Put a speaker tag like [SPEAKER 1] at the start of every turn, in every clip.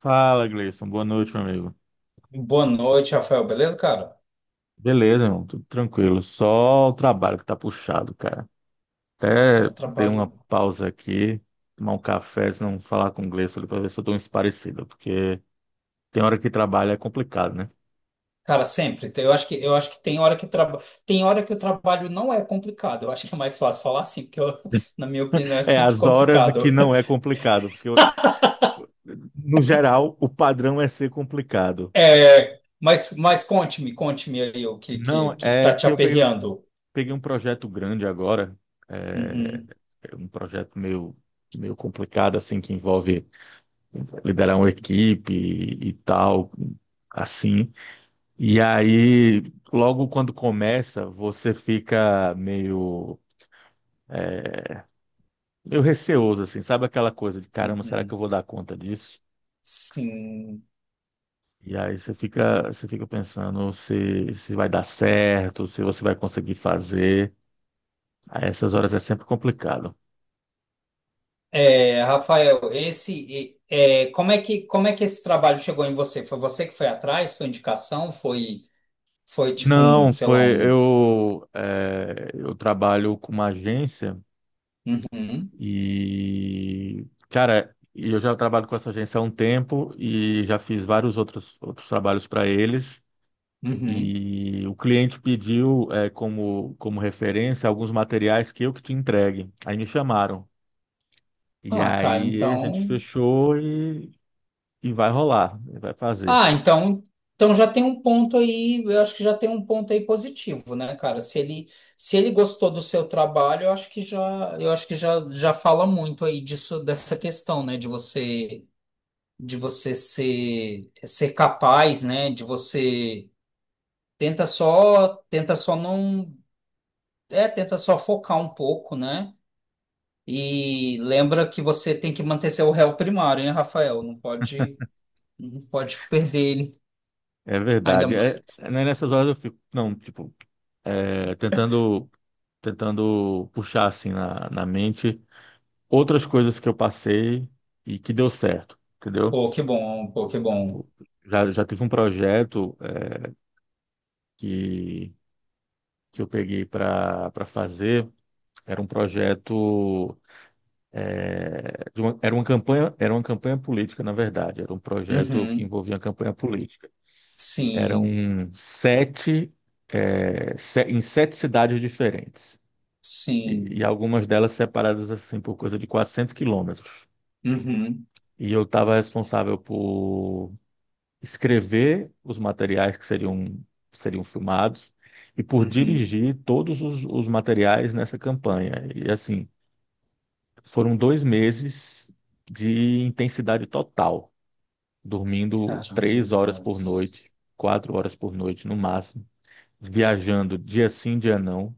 [SPEAKER 1] Fala, Gleison. Boa noite, meu amigo.
[SPEAKER 2] Boa noite, Rafael. Beleza, cara?
[SPEAKER 1] Beleza, irmão. Tudo tranquilo. Só o trabalho que tá puxado, cara.
[SPEAKER 2] Ah,
[SPEAKER 1] Até
[SPEAKER 2] cara,
[SPEAKER 1] dei
[SPEAKER 2] trabalho.
[SPEAKER 1] uma pausa aqui, tomar um café, se não falar com o Gleison ali pra ver se eu dou uma esparecida, porque tem hora que trabalho é complicado, né?
[SPEAKER 2] Cara, sempre. Eu acho que tem hora que o trabalho não é complicado. Eu acho que é mais fácil falar assim, na minha opinião é
[SPEAKER 1] É,
[SPEAKER 2] sempre
[SPEAKER 1] as horas
[SPEAKER 2] complicado.
[SPEAKER 1] que não é complicado, no geral o padrão é ser complicado.
[SPEAKER 2] É, mas conte-me aí o que,
[SPEAKER 1] Não,
[SPEAKER 2] que, que que tá te aperreando.
[SPEAKER 1] peguei um projeto grande agora, é,
[SPEAKER 2] Uhum,
[SPEAKER 1] um projeto meio complicado, assim, que envolve. Liderar uma equipe e tal, assim. E aí, logo quando começa, você meio receoso, assim, sabe aquela coisa de caramba, será que
[SPEAKER 2] uhum.
[SPEAKER 1] eu vou dar conta disso?
[SPEAKER 2] Sim.
[SPEAKER 1] E aí você fica pensando se vai dar certo, se você vai conseguir fazer. A essas horas é sempre complicado.
[SPEAKER 2] É, Rafael, como é que esse trabalho chegou em você? Foi você que foi atrás? Foi indicação? Foi, foi tipo um,
[SPEAKER 1] Não,
[SPEAKER 2] sei lá,
[SPEAKER 1] foi
[SPEAKER 2] um.
[SPEAKER 1] eu, eu trabalho com uma agência
[SPEAKER 2] Uhum.
[SPEAKER 1] e, cara, e eu já trabalho com essa agência há um tempo e já fiz vários outros trabalhos para eles.
[SPEAKER 2] Uhum.
[SPEAKER 1] E o cliente pediu, como referência alguns materiais que eu que te entregue. Aí me chamaram. E
[SPEAKER 2] Ah, cara,
[SPEAKER 1] aí a gente
[SPEAKER 2] então.
[SPEAKER 1] fechou e vai rolar, vai fazer.
[SPEAKER 2] Ah, então, então já tem um ponto aí, eu acho que já tem um ponto aí positivo, né, cara? Se ele gostou do seu trabalho, eu acho que já fala muito aí disso, dessa questão, né, de você ser capaz, né, de você tenta só não, é, tenta só focar um pouco, né? E lembra que você tem que manter seu réu primário, hein, Rafael? Não pode perder ele.
[SPEAKER 1] É
[SPEAKER 2] Ainda
[SPEAKER 1] verdade. É,
[SPEAKER 2] mais.
[SPEAKER 1] né, nessas horas eu fico, não, tipo, eh, tentando, tentando puxar assim na mente outras coisas que eu passei e que deu certo, entendeu?
[SPEAKER 2] Pô, que bom, pô, que bom.
[SPEAKER 1] Tipo, já tive um projeto que, que eu peguei para fazer. Era um projeto, era uma campanha política, na verdade. Era um projeto que
[SPEAKER 2] Uhum.
[SPEAKER 1] envolvia uma campanha política. Eram
[SPEAKER 2] Sim,
[SPEAKER 1] 7, em 7 cidades diferentes.
[SPEAKER 2] sim.
[SPEAKER 1] E algumas delas separadas assim por coisa de 400 quilômetros.
[SPEAKER 2] Uhum.
[SPEAKER 1] E eu estava responsável por escrever os materiais seriam filmados e por
[SPEAKER 2] Uhum.
[SPEAKER 1] dirigir todos os materiais nessa campanha. E assim, foram 2 meses de intensidade total, dormindo 3 horas por
[SPEAKER 2] Carambas.
[SPEAKER 1] noite, 4 horas por noite no máximo, viajando dia sim, dia não.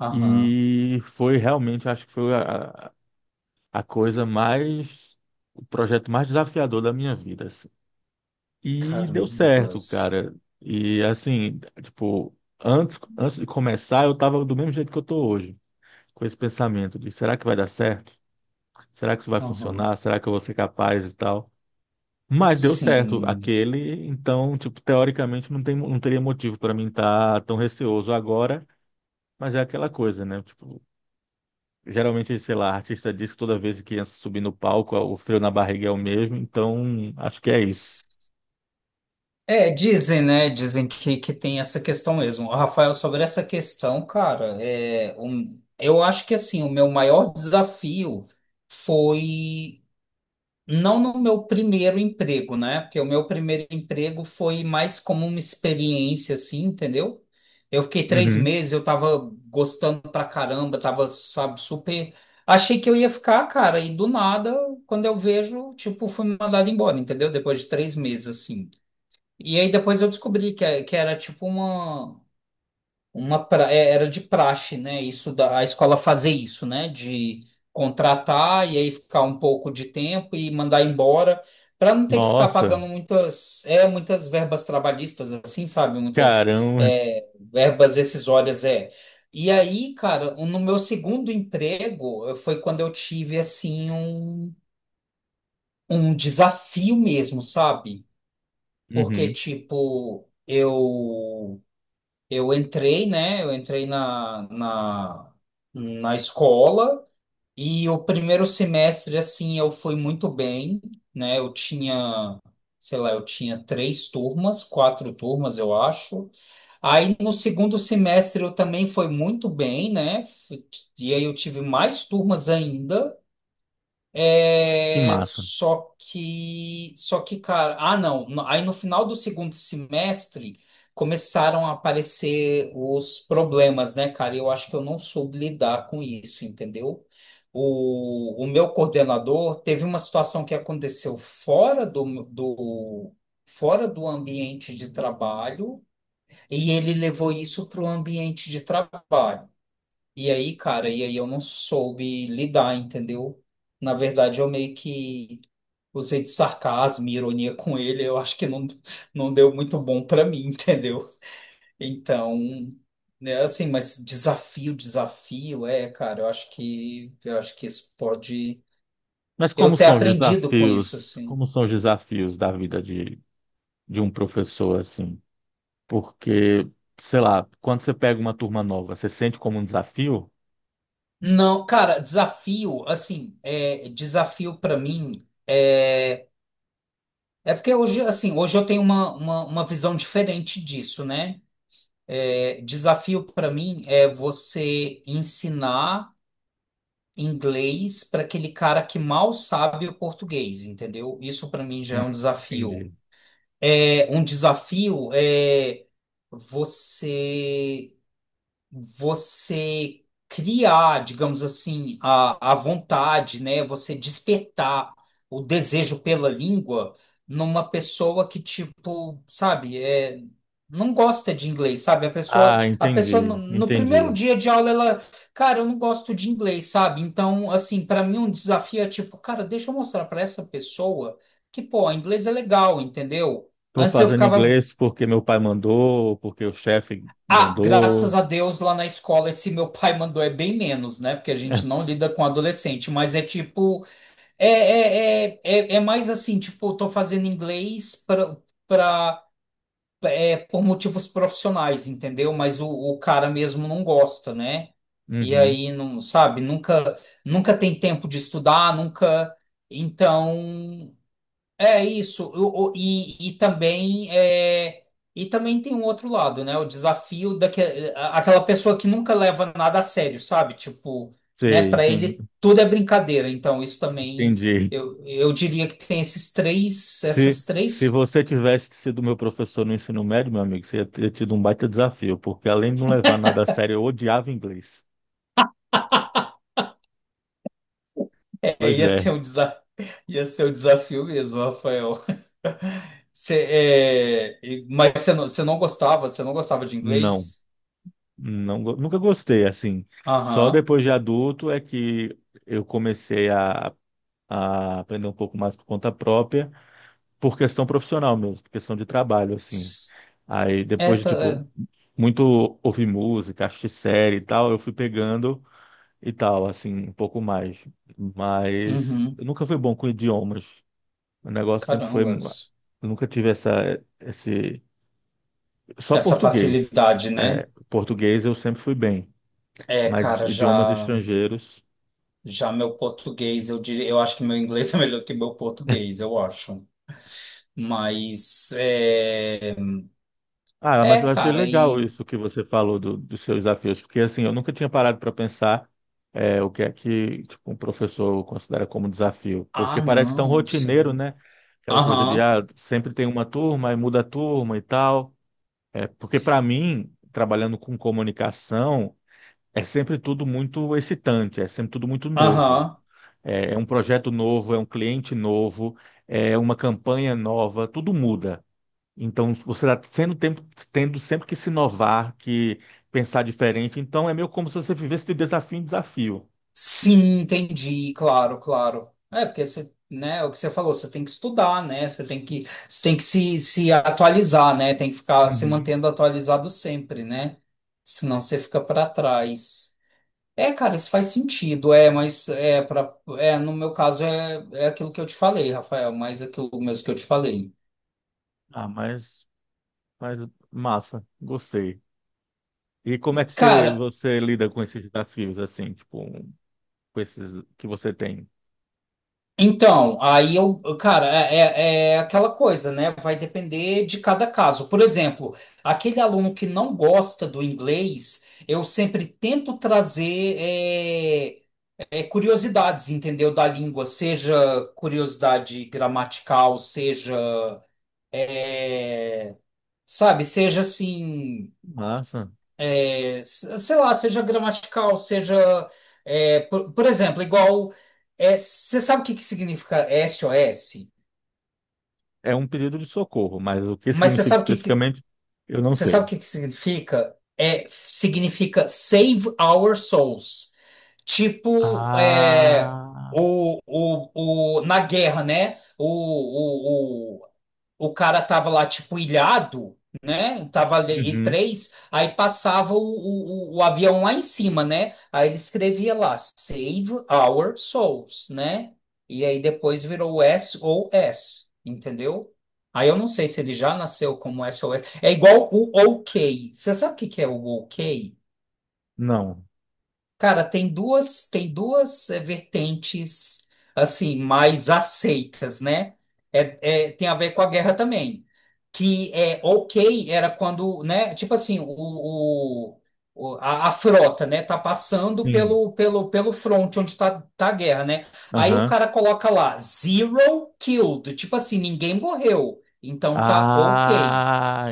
[SPEAKER 2] Aham.
[SPEAKER 1] E foi realmente, acho que foi a coisa mais, o projeto mais desafiador da minha vida. E deu certo,
[SPEAKER 2] Carambas.
[SPEAKER 1] cara. E assim, tipo, antes de começar, eu tava do mesmo jeito que eu tô hoje, com esse pensamento de será que vai dar certo? Será que isso vai
[SPEAKER 2] Aham.
[SPEAKER 1] funcionar? Será que eu vou ser capaz e tal? Mas deu certo
[SPEAKER 2] Sim.
[SPEAKER 1] aquele, então, tipo, teoricamente não tem, não teria motivo para mim estar tão receoso agora, mas é aquela coisa, né? Tipo, geralmente, sei lá, artista diz que toda vez que ia subir no palco, o frio na barriga é o mesmo, então acho que é isso.
[SPEAKER 2] É, dizem, né? Dizem que tem essa questão mesmo. Rafael, sobre essa questão, cara, eu acho que assim, o meu maior desafio foi. Não no meu primeiro emprego, né? Porque o meu primeiro emprego foi mais como uma experiência, assim, entendeu? Eu fiquei três
[SPEAKER 1] Uhum.
[SPEAKER 2] meses, eu tava gostando pra caramba, tava, sabe, super. Achei que eu ia ficar, cara, e do nada, quando eu vejo, tipo, fui mandado embora, entendeu? Depois de três meses, assim. E aí depois eu descobri que era tipo uma. Era de praxe, né? A escola fazer isso, né? De contratar e aí ficar um pouco de tempo e mandar embora, para não ter que ficar
[SPEAKER 1] Nossa,
[SPEAKER 2] pagando muitas verbas trabalhistas, assim, sabe? Muitas
[SPEAKER 1] caramba.
[SPEAKER 2] verbas rescisórias, é. E aí, cara, no meu segundo emprego foi quando eu tive, assim, um desafio mesmo, sabe? Porque,
[SPEAKER 1] Uhum.
[SPEAKER 2] tipo, eu. Eu entrei, né? Eu entrei na escola e o primeiro semestre, assim, eu fui muito bem, né? Eu tinha, sei lá, eu tinha três turmas, quatro turmas, eu acho. Aí no segundo semestre eu também fui muito bem, né? E aí eu tive mais turmas ainda.
[SPEAKER 1] Que
[SPEAKER 2] É,
[SPEAKER 1] massa.
[SPEAKER 2] só que, cara, aí no final do segundo semestre começaram a aparecer os problemas, né, cara? Eu acho que eu não soube lidar com isso, entendeu? O meu coordenador teve uma situação que aconteceu fora do ambiente de trabalho e ele levou isso para o ambiente de trabalho. E aí, cara, e aí eu não soube lidar, entendeu? Na verdade, eu meio que usei de sarcasmo e ironia com ele. Eu acho que não deu muito bom pra mim, entendeu? Então, né, assim, mas desafio, desafio, é, cara, eu acho que isso pode
[SPEAKER 1] Mas
[SPEAKER 2] eu
[SPEAKER 1] como
[SPEAKER 2] ter
[SPEAKER 1] são os
[SPEAKER 2] aprendido com isso,
[SPEAKER 1] desafios,
[SPEAKER 2] assim.
[SPEAKER 1] como são os desafios da vida de um professor, assim? Porque, sei lá, quando você pega uma turma nova, você sente como um desafio?
[SPEAKER 2] Não, cara, desafio, assim, é, desafio pra mim é, é porque hoje, assim, hoje eu tenho uma visão diferente disso, né? É, desafio para mim é você ensinar inglês para aquele cara que mal sabe o português, entendeu? Isso para mim já é
[SPEAKER 1] Hum,
[SPEAKER 2] um desafio.
[SPEAKER 1] entendi.
[SPEAKER 2] É, um desafio é você você criar, digamos assim, a vontade, né? Você despertar o desejo pela língua numa pessoa que, tipo, sabe, é, não gosta de inglês, sabe?
[SPEAKER 1] Ah,
[SPEAKER 2] A pessoa
[SPEAKER 1] entendi,
[SPEAKER 2] no primeiro
[SPEAKER 1] entendi.
[SPEAKER 2] dia de aula, ela, cara, eu não gosto de inglês, sabe? Então, assim, para mim um desafio é tipo, cara, deixa eu mostrar para essa pessoa que, pô, inglês é legal, entendeu?
[SPEAKER 1] Estou
[SPEAKER 2] Antes eu
[SPEAKER 1] fazendo
[SPEAKER 2] ficava
[SPEAKER 1] inglês porque meu pai mandou, porque o chefe
[SPEAKER 2] ah, graças
[SPEAKER 1] mandou.
[SPEAKER 2] a Deus lá na escola esse meu pai mandou é bem menos, né? Porque a gente não lida com adolescente, mas é tipo, é mais assim, tipo, eu tô fazendo inglês pra, por motivos profissionais, entendeu? Mas o cara mesmo não gosta, né? E
[SPEAKER 1] Uhum.
[SPEAKER 2] aí, não, sabe, nunca tem tempo de estudar, nunca. Então, é isso, e também é, e também tem um outro lado, né? O desafio daquela aquela pessoa que nunca leva nada a sério, sabe? Tipo, né?
[SPEAKER 1] Sei,
[SPEAKER 2] Para
[SPEAKER 1] entendi.
[SPEAKER 2] ele tudo é brincadeira. Então isso também
[SPEAKER 1] Entendi.
[SPEAKER 2] eu diria que tem esses três, essas
[SPEAKER 1] Se
[SPEAKER 2] três.
[SPEAKER 1] você tivesse sido meu professor no ensino médio, meu amigo, você ia ter tido um baita desafio, porque além de não levar nada a sério, eu odiava inglês.
[SPEAKER 2] É,
[SPEAKER 1] Pois
[SPEAKER 2] ia
[SPEAKER 1] é,
[SPEAKER 2] ser um desafio, ia ser um desafio mesmo, Rafael. Cê, mas você não gostava de
[SPEAKER 1] não,
[SPEAKER 2] inglês?
[SPEAKER 1] nunca gostei, assim. Só
[SPEAKER 2] Aham.
[SPEAKER 1] depois de adulto é que eu comecei a aprender um pouco mais por conta própria, por questão profissional mesmo, por questão de trabalho, assim.
[SPEAKER 2] S-
[SPEAKER 1] Aí
[SPEAKER 2] É,
[SPEAKER 1] depois de,
[SPEAKER 2] tá,
[SPEAKER 1] tipo,
[SPEAKER 2] é.
[SPEAKER 1] muito ouvir música, assistir série e tal, eu fui pegando. E tal, assim, um pouco mais. Mas
[SPEAKER 2] Uhum.
[SPEAKER 1] eu nunca fui bom com idiomas. O negócio sempre foi.
[SPEAKER 2] Carambas.
[SPEAKER 1] Eu Nunca tive esse. Só
[SPEAKER 2] Essa
[SPEAKER 1] português.
[SPEAKER 2] facilidade,
[SPEAKER 1] É,
[SPEAKER 2] né?
[SPEAKER 1] português eu sempre fui bem,
[SPEAKER 2] É,
[SPEAKER 1] mas
[SPEAKER 2] cara,
[SPEAKER 1] idiomas estrangeiros.
[SPEAKER 2] já meu português, eu diria, eu acho que meu inglês é melhor do que meu português, eu acho. Mas é,
[SPEAKER 1] Ah, mas
[SPEAKER 2] é,
[SPEAKER 1] eu achei
[SPEAKER 2] cara,
[SPEAKER 1] legal
[SPEAKER 2] e
[SPEAKER 1] isso que você falou dos seus desafios, porque assim, eu nunca tinha parado para pensar é, o que é que tipo, um professor considera como desafio, porque
[SPEAKER 2] ah,
[SPEAKER 1] parece tão
[SPEAKER 2] não,
[SPEAKER 1] rotineiro,
[SPEAKER 2] sim.
[SPEAKER 1] né? Aquela coisa de
[SPEAKER 2] Aham.
[SPEAKER 1] ah, sempre tem uma turma e muda a turma e tal. É, porque para mim, trabalhando com comunicação, é sempre tudo muito excitante, é sempre tudo muito novo.
[SPEAKER 2] Aham.
[SPEAKER 1] É, é um projeto novo, é um cliente novo, é uma campanha nova, tudo muda. Então, você está sendo tempo, tendo sempre que se inovar, que pensar diferente. Então, é meio como se você vivesse de desafio em desafio.
[SPEAKER 2] Sim, entendi, claro, claro. É, porque você, né, é o que você falou, você tem que estudar, né? Você tem que se atualizar, né? Tem que ficar se
[SPEAKER 1] Uhum.
[SPEAKER 2] mantendo atualizado sempre, né? Senão você fica para trás. É, cara, isso faz sentido, é, no meu caso é aquilo que eu te falei, Rafael, mas aquilo mesmo que eu te falei.
[SPEAKER 1] Ah, mas massa, gostei. E como é que
[SPEAKER 2] Cara,
[SPEAKER 1] você lida com esses desafios, assim, tipo, com esses que você tem?
[SPEAKER 2] então, aí eu, cara, é, é é aquela coisa, né? Vai depender de cada caso. Por exemplo, aquele aluno que não gosta do inglês, eu sempre tento trazer curiosidades, entendeu? Da língua, seja curiosidade gramatical, é, sabe, seja assim.
[SPEAKER 1] Massa.
[SPEAKER 2] Seja gramatical, por exemplo, igual, é, você sabe o que que significa SOS,
[SPEAKER 1] É um pedido de socorro, mas o que
[SPEAKER 2] mas você
[SPEAKER 1] significa
[SPEAKER 2] sabe o que que,
[SPEAKER 1] especificamente, eu não
[SPEAKER 2] você sabe o
[SPEAKER 1] sei.
[SPEAKER 2] que que significa? É, significa Save Our Souls. Tipo, é,
[SPEAKER 1] Ah,
[SPEAKER 2] o, na guerra, né? O, o cara tava lá, tipo, ilhado, né? Tava ali,
[SPEAKER 1] uhum.
[SPEAKER 2] aí passava o avião lá em cima, né? Aí ele escrevia lá, Save Our Souls, né? E aí depois virou S O S, entendeu? Aí eu não sei se ele já nasceu como S O S. É igual o OK. Você sabe o que que é o OK?
[SPEAKER 1] Não.
[SPEAKER 2] Cara, tem duas vertentes assim mais aceitas, né? Tem a ver com a guerra também, que é ok era quando, né? Tipo assim, a frota, né? Tá passando
[SPEAKER 1] Sim.
[SPEAKER 2] pelo front onde tá a guerra, né? Aí o
[SPEAKER 1] Aham.
[SPEAKER 2] cara coloca lá zero killed, tipo assim, ninguém morreu, então tá ok.
[SPEAKER 1] Ah,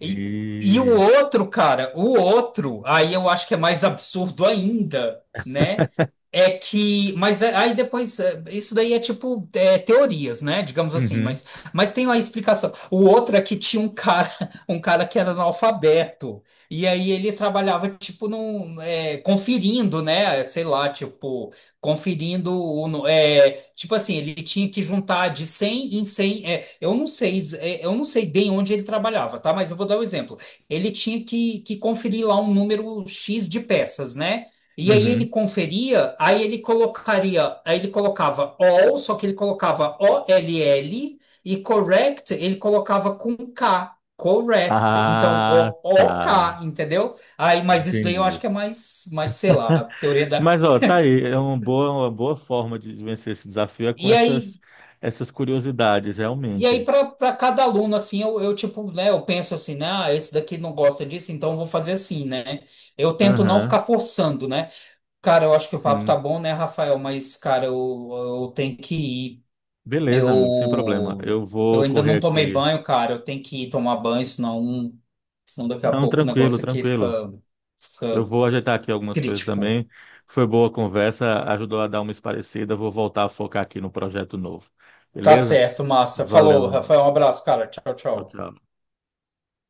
[SPEAKER 2] E, e o outro, cara, o outro, aí eu acho que é mais absurdo ainda, né? Aí depois, é, isso daí é teorias, né? Digamos assim,
[SPEAKER 1] Uhum.
[SPEAKER 2] mas tem lá a explicação. O outro é que tinha um cara, um cara que era analfabeto, e aí ele trabalhava, tipo, conferindo, né? Sei lá, tipo conferindo tipo assim ele tinha que juntar de 100 em 100 eu não sei bem onde ele trabalhava tá mas eu vou dar um exemplo ele tinha que conferir lá um número X de peças né e aí ele
[SPEAKER 1] Uhum.
[SPEAKER 2] conferia aí ele colocava all só que ele colocava o l l e correct ele colocava com K correct então
[SPEAKER 1] Ah,
[SPEAKER 2] o OK
[SPEAKER 1] tá.
[SPEAKER 2] entendeu aí mas isso daí eu acho
[SPEAKER 1] Entendi.
[SPEAKER 2] que é mais sei lá teoria da
[SPEAKER 1] Mas, ó, tá aí. É uma boa forma de vencer esse desafio é com
[SPEAKER 2] e
[SPEAKER 1] essas,
[SPEAKER 2] aí,
[SPEAKER 1] essas curiosidades,
[SPEAKER 2] E aí,
[SPEAKER 1] realmente.
[SPEAKER 2] para cada aluno, assim, eu tipo, né, eu penso assim, né, ah, esse daqui não gosta disso, então eu vou fazer assim, né? Eu tento não
[SPEAKER 1] Aham.
[SPEAKER 2] ficar forçando, né? Cara, eu acho que o papo tá
[SPEAKER 1] Sim.
[SPEAKER 2] bom, né, Rafael? Mas, cara, eu tenho que ir.
[SPEAKER 1] Beleza, amigo, sem problema.
[SPEAKER 2] Eu,
[SPEAKER 1] Eu
[SPEAKER 2] eu
[SPEAKER 1] vou
[SPEAKER 2] ainda
[SPEAKER 1] correr
[SPEAKER 2] não tomei
[SPEAKER 1] aqui.
[SPEAKER 2] banho, cara, eu tenho que ir tomar banho, senão daqui a
[SPEAKER 1] Não,
[SPEAKER 2] pouco o
[SPEAKER 1] tranquilo,
[SPEAKER 2] negócio aqui
[SPEAKER 1] tranquilo.
[SPEAKER 2] fica,
[SPEAKER 1] Eu
[SPEAKER 2] fica
[SPEAKER 1] vou ajeitar aqui algumas coisas
[SPEAKER 2] crítico.
[SPEAKER 1] também. Foi boa a conversa, ajudou a dar uma esparecida. Vou voltar a focar aqui no projeto novo.
[SPEAKER 2] Tá
[SPEAKER 1] Beleza?
[SPEAKER 2] certo, massa.
[SPEAKER 1] Valeu.
[SPEAKER 2] Falou, Rafael, um abraço, cara. Tchau,
[SPEAKER 1] Tchau,
[SPEAKER 2] tchau.
[SPEAKER 1] tchau.